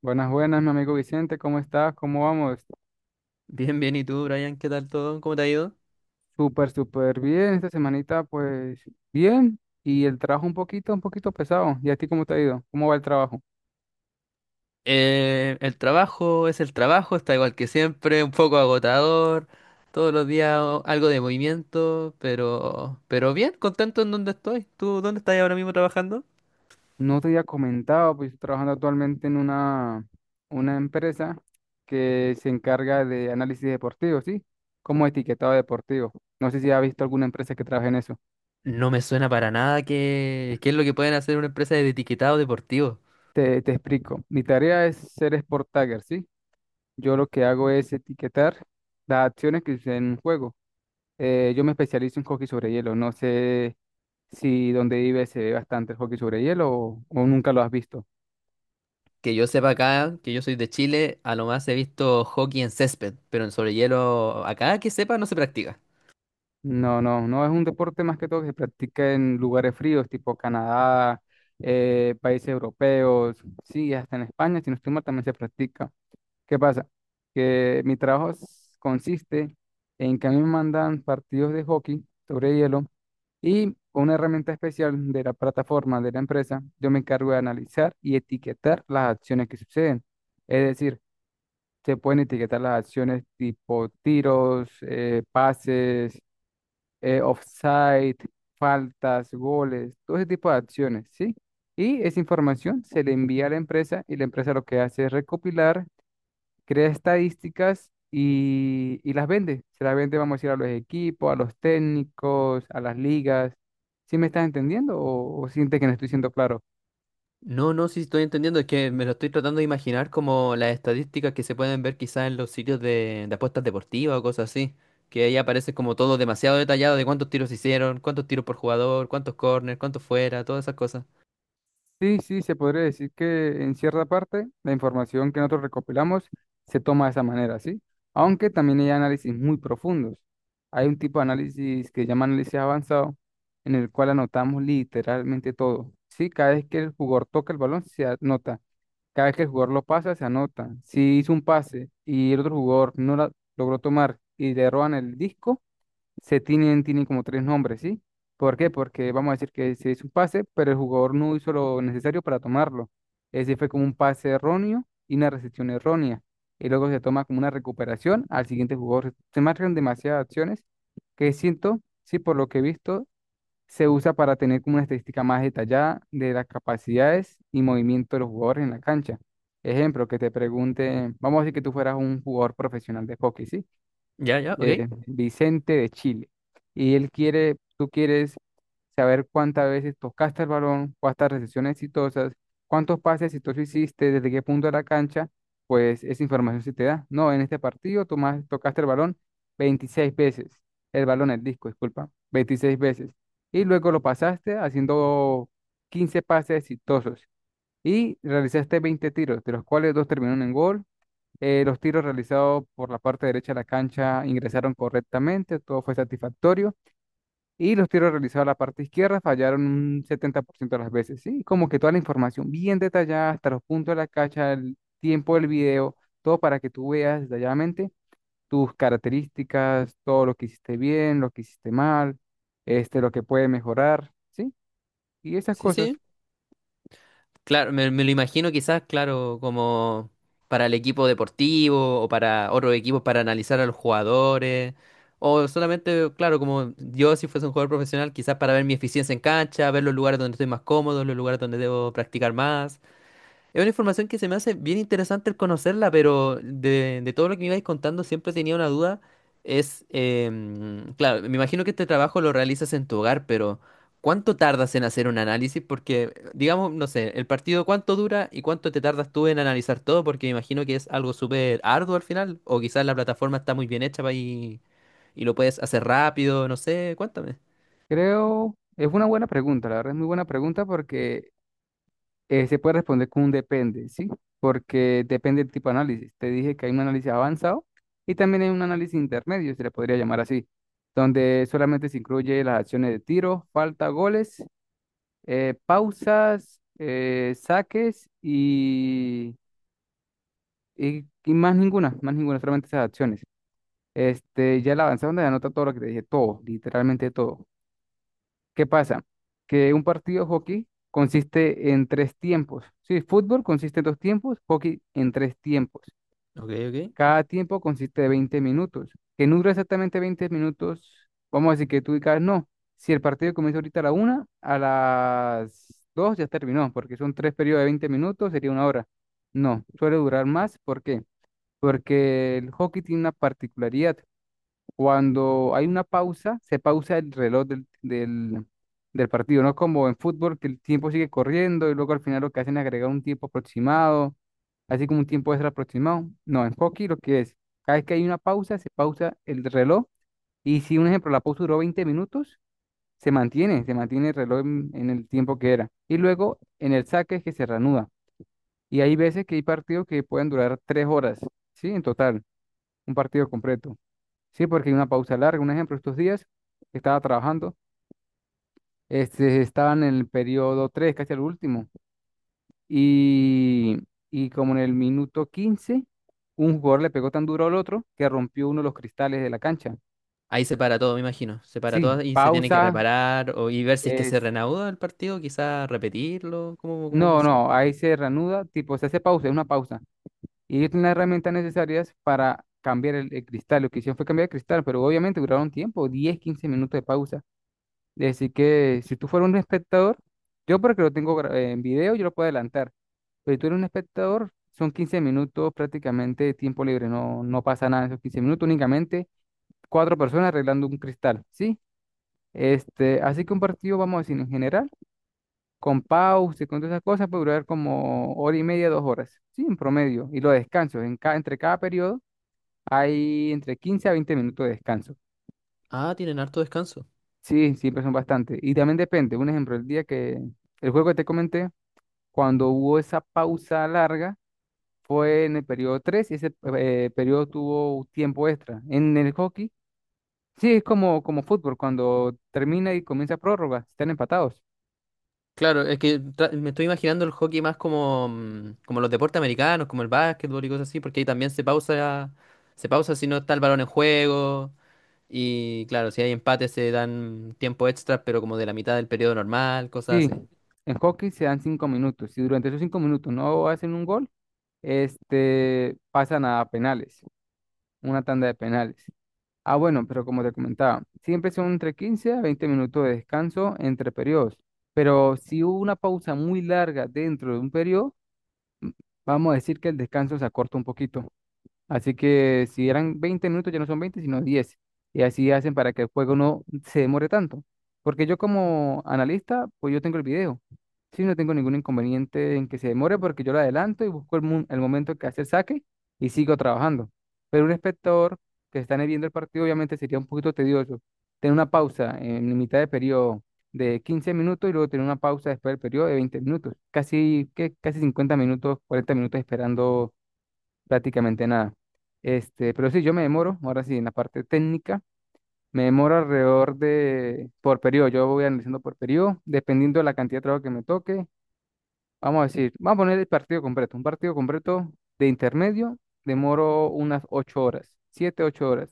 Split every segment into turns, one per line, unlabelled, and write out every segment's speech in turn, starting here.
Buenas, buenas, mi amigo Vicente, ¿cómo estás? ¿Cómo vamos?
Bien, bien, ¿y tú, Brian? ¿Qué tal todo? ¿Cómo te ha ido?
Súper, súper bien. Esta semanita, pues, bien. Y el trabajo un poquito pesado. ¿Y a ti cómo te ha ido? ¿Cómo va el trabajo?
El trabajo es el trabajo, está igual que siempre, un poco agotador, todos los días algo de movimiento, pero bien, contento en donde estoy. ¿Tú dónde estás ahora mismo trabajando?
No te había comentado, pues, estoy trabajando actualmente en una empresa que se encarga de análisis deportivo, ¿sí? Como etiquetado deportivo. No sé si has visto alguna empresa que trabaje en eso.
No me suena para nada que, qué es lo que pueden hacer una empresa de etiquetado deportivo.
Te explico. Mi tarea es ser Sport Tagger, ¿sí? Yo lo que hago es etiquetar las acciones que suceden en un juego. Yo me especializo en hockey sobre hielo. No sé si donde vives se ve bastante el hockey sobre hielo o nunca lo has visto.
Que yo sepa acá, que yo soy de Chile, a lo más he visto hockey en césped, pero en sobre hielo acá que sepa no se practica.
No, no, no es un deporte más que todo que se practica en lugares fríos, tipo Canadá, países europeos, sí, hasta en España, si no estoy mal, también se practica. ¿Qué pasa? Que mi trabajo consiste en que a mí me mandan partidos de hockey sobre hielo. Y con una herramienta especial de la plataforma de la empresa, yo me encargo de analizar y etiquetar las acciones que suceden. Es decir, se pueden etiquetar las acciones tipo tiros, pases, offside, faltas, goles, todo ese tipo de acciones, ¿sí? Y esa información se le envía a la empresa y la empresa lo que hace es recopilar, crea estadísticas y las vende. Se las vende, vamos a decir, a los equipos, a los técnicos, a las ligas. ¿Sí me estás entendiendo o sientes que no estoy siendo claro?
No, no, sí estoy entendiendo, es que me lo estoy tratando de imaginar como las estadísticas que se pueden ver quizás en los sitios de apuestas deportivas o cosas así, que ahí aparece como todo demasiado detallado de cuántos tiros hicieron, cuántos tiros por jugador, cuántos corners, cuántos fuera, todas esas cosas.
Sí, sí, se podría decir que en cierta parte la información que nosotros recopilamos se toma de esa manera, ¿sí? Aunque también hay análisis muy profundos. Hay un tipo de análisis que se llama análisis avanzado, en el cual anotamos literalmente todo, ¿sí? Cada vez que el jugador toca el balón se anota, cada vez que el jugador lo pasa se anota. Si hizo un pase y el otro jugador no la logró tomar y le roban el disco, tienen como tres nombres, ¿sí? ¿Por qué? Porque vamos a decir que se hizo un pase, pero el jugador no hizo lo necesario para tomarlo. Ese fue como un pase erróneo y una recepción errónea. Y luego se toma como una recuperación al siguiente jugador. Se marcan demasiadas acciones que siento, sí, por lo que he visto, se usa para tener como una estadística más detallada de las capacidades y movimiento de los jugadores en la cancha. Ejemplo, que te pregunte, vamos a decir que tú fueras un jugador profesional de hockey, ¿sí?
Ya, ya, ok.
Vicente de Chile. Tú quieres saber cuántas veces tocaste el balón, cuántas recepciones exitosas, cuántos pases exitosos hiciste, desde qué punto de la cancha, pues esa información se te da. No, en este partido tú más tocaste el balón 26 veces, el balón, el disco, disculpa, 26 veces. Y luego lo pasaste haciendo 15 pases exitosos y realizaste 20 tiros, de los cuales dos terminaron en gol. Los tiros realizados por la parte derecha de la cancha ingresaron correctamente, todo fue satisfactorio. Y los tiros realizados a la parte izquierda fallaron un 70% de las veces, ¿sí? Como que toda la información bien detallada, hasta los puntos de la cancha, el tiempo del video, todo para que tú veas detalladamente tus características, todo lo que hiciste bien, lo que hiciste mal, este, lo que puede mejorar, ¿sí? Y esas
Sí,
cosas.
sí, claro, me lo imagino quizás, claro, como para el equipo deportivo o para otros equipos para analizar a los jugadores. O solamente, claro, como yo si fuese un jugador profesional, quizás para ver mi eficiencia en cancha, ver los lugares donde estoy más cómodo, los lugares donde debo practicar más. Es una información que se me hace bien interesante el conocerla, pero de todo lo que me ibais contando siempre tenía una duda. Es, claro, me imagino que este trabajo lo realizas en tu hogar, pero ¿cuánto tardas en hacer un análisis? Porque, digamos, no sé, el partido cuánto dura y cuánto te tardas tú en analizar todo, porque me imagino que es algo súper arduo al final, o quizás la plataforma está muy bien hecha y lo puedes hacer rápido, no sé, cuéntame.
Creo, es una buena pregunta, la verdad es muy buena pregunta porque se puede responder con un depende, ¿sí? Porque depende del tipo de análisis. Te dije que hay un análisis avanzado y también hay un análisis intermedio, se le podría llamar así, donde solamente se incluye las acciones de tiro, falta, goles, pausas, saques y más ninguna, solamente esas acciones. Este, ya el avanzado donde anota todo lo que te dije, todo, literalmente todo. ¿Qué pasa? Que un partido de hockey consiste en tres tiempos. Sí, fútbol consiste en dos tiempos, hockey en tres tiempos.
Ok, ok.
Cada tiempo consiste de 20 minutos. Que no dura exactamente 20 minutos, vamos a decir que tú digas, no, si el partido comienza ahorita a la una, a las dos ya terminó, porque son tres periodos de 20 minutos, sería una hora. No, suele durar más. ¿Por qué? Porque el hockey tiene una particularidad, cuando hay una pausa, se pausa el reloj del partido, no como en fútbol, que el tiempo sigue corriendo y luego al final lo que hacen es agregar un tiempo aproximado, así como un tiempo extra aproximado. No, en hockey lo que es, cada vez que hay una pausa, se pausa el reloj y si un ejemplo, la pausa duró 20 minutos, se mantiene el reloj en el tiempo que era. Y luego en el saque es que se reanuda. Y hay veces que hay partidos que pueden durar 3 horas, ¿sí? En total, un partido completo. Sí, porque hay una pausa larga. Un ejemplo, estos días que estaba trabajando, este, estaba en el periodo 3 casi al último, y, y como en el minuto 15 un jugador le pegó tan duro al otro que rompió uno de los cristales de la cancha.
Ahí se para todo, me imagino. Se para todo
Sí,
y se tiene que
pausa
reparar o, y ver si es que se
es...
reanuda el partido, quizás repetirlo, cómo, cómo
No,
funciona.
no, ahí se reanuda, tipo, se hace pausa, es una pausa. Y ellos tienen las herramientas necesarias para cambiar el cristal. Lo que hicieron fue cambiar el cristal, pero obviamente duraron tiempo, 10 a 15 minutos de pausa. Así que si tú fueras un espectador, yo porque lo tengo en video, yo lo puedo adelantar. Pero si tú eres un espectador, son 15 minutos prácticamente de tiempo libre. No, no pasa nada en esos 15 minutos, únicamente cuatro personas arreglando un cristal, ¿sí? Este, así que un partido, vamos a decir, en general, con pausa y con todas esas cosas, puede durar como hora y media, 2 horas, ¿sí? En promedio. Y los descansos, entre cada periodo hay entre 15 a 20 minutos de descanso.
Ah, tienen harto descanso.
Sí, siempre son bastante. Y también depende, un ejemplo, el día que el juego que te comenté, cuando hubo esa pausa larga, fue en el periodo 3 y ese periodo tuvo tiempo extra. En el hockey, sí, es como, como fútbol, cuando termina y comienza prórroga, están empatados.
Claro, es que me estoy imaginando el hockey más como, como los deportes americanos, como el básquetbol y cosas así, porque ahí también se pausa si no está el balón en juego. Y claro, si hay empate se dan tiempo extra, pero como de la mitad del periodo normal, cosas
Sí,
así.
en hockey se dan 5 minutos. Si durante esos 5 minutos no hacen un gol, este, pasan a penales, una tanda de penales. Ah, bueno, pero como te comentaba, siempre son entre 15 a 20 minutos de descanso entre periodos. Pero si hubo una pausa muy larga dentro de un periodo, vamos a decir que el descanso se acorta un poquito. Así que si eran 20 minutos, ya no son 20 sino diez. Y así hacen para que el juego no se demore tanto. Porque yo como analista, pues yo tengo el video. Sí, no tengo ningún inconveniente en que se demore porque yo lo adelanto y busco el momento que hace el saque y sigo trabajando. Pero un espectador que está viendo el partido, obviamente sería un poquito tedioso. Tener una pausa en mitad de periodo de 15 minutos y luego tener una pausa después del periodo de 20 minutos. Casi, que, casi 50 minutos, 40 minutos esperando prácticamente nada. Este, pero sí, yo me demoro, ahora sí, en la parte técnica, me demoro alrededor de, por periodo, yo voy analizando por periodo, dependiendo de la cantidad de trabajo que me toque. Vamos a decir, vamos a poner el partido completo, un partido completo de intermedio, demoro unas 8 horas, 7 8 horas.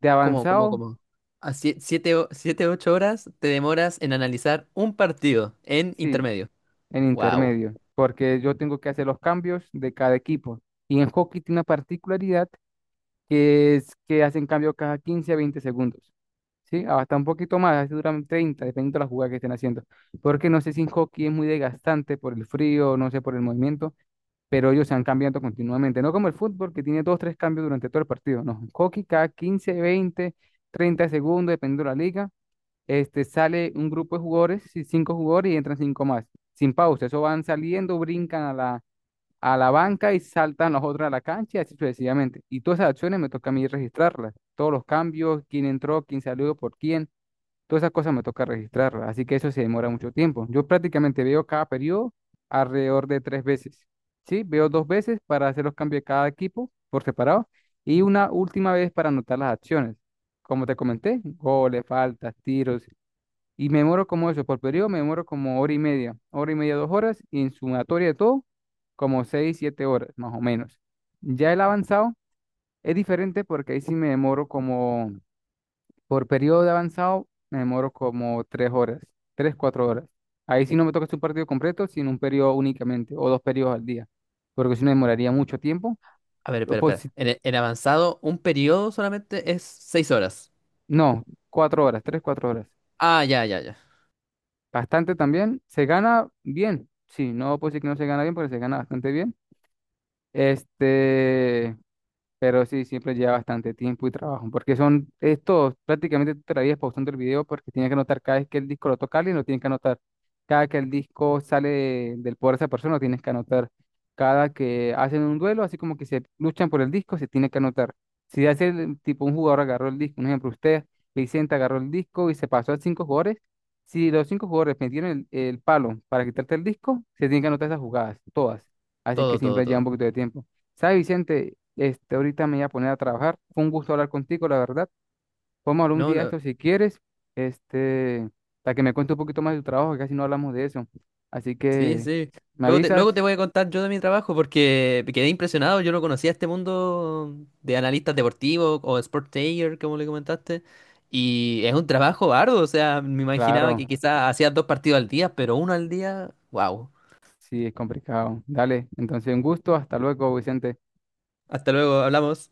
De
¿Cómo cómo
avanzado,
cómo? A siete siete o 7-8 horas te demoras en analizar un partido en
sí,
intermedio.
en
Wow.
intermedio, porque yo tengo que hacer los cambios de cada equipo. Y en hockey tiene una particularidad que es que hacen cambio cada 15 a 20 segundos. ¿Sí? Ah, hasta un poquito más, a veces duran 30, dependiendo de la jugada que estén haciendo. Porque no sé si en hockey es muy desgastante por el frío, no sé, por el movimiento, pero ellos se han cambiando continuamente. No como el fútbol, que tiene dos, tres cambios durante todo el partido. No, en hockey cada 15 20 30 segundos, dependiendo de la liga, este, sale un grupo de jugadores, sí, cinco jugadores y entran cinco más, sin pausa. Eso van saliendo, brincan a la banca y saltan los otros a la cancha y así sucesivamente. Y todas esas acciones me toca a mí registrarlas. Todos los cambios, quién entró, quién salió, por quién, todas esas cosas me toca registrarlas. Así que eso se demora mucho tiempo. Yo prácticamente veo cada periodo alrededor de tres veces. Sí, veo dos veces para hacer los cambios de cada equipo por separado y una última vez para anotar las acciones. Como te comenté, goles, faltas, tiros y me demoro como eso, por periodo me demoro como hora y media, dos horas, y en sumatoria de todo, como seis, siete horas, más o menos. Ya el avanzado es diferente porque ahí sí me demoro como, por periodo de avanzado, me demoro como 3 horas, tres, cuatro horas. Ahí sí no me toca hacer un partido completo, sino un periodo únicamente, o dos periodos al día, porque si no demoraría mucho tiempo.
A ver,
O
espera,
pues,
espera. En, en avanzado, un periodo solamente es 6 horas.
no, 4 horas, tres, cuatro horas.
Ah, ya, ya, ya.
Bastante también. Se gana bien, sí, no puedo decir que no se gana bien, porque se gana bastante bien. Este, pero sí, siempre lleva bastante tiempo y trabajo, porque son estos, prácticamente tú te la vives pausando el video porque tienes que anotar cada vez que el disco lo toca alguien, lo tienes que anotar. Cada que el disco sale del poder de esa persona, lo tienes que anotar. Cada que hacen un duelo, así como que se luchan por el disco, se tiene que anotar. Si hace tipo un jugador agarró el disco, un ejemplo, usted, Vicente agarró el disco y se pasó a cinco jugadores, si los cinco jugadores metieron el palo para quitarte el disco, se tienen que anotar esas jugadas, todas. Así que
Todo, todo,
siempre lleva un
todo.
poquito de tiempo. ¿Sabes, Vicente? Este, ahorita me voy a poner a trabajar. Fue un gusto hablar contigo, la verdad. Podemos hablar un
No,
día de
no.
esto si quieres, este, para que me cuente un poquito más de tu trabajo, que casi no hablamos de eso. Así
Sí,
que,
sí.
¿me
Luego te, luego
avisas?
te voy a contar yo de mi trabajo porque me quedé impresionado. Yo no conocía este mundo de analistas deportivos o sportager, como le comentaste. Y es un trabajo arduo. O sea, me imaginaba
Claro,
que quizás hacías dos partidos al día, pero uno al día. Wow.
sí, es complicado. Dale, entonces un gusto. Hasta luego, Vicente.
Hasta luego, hablamos.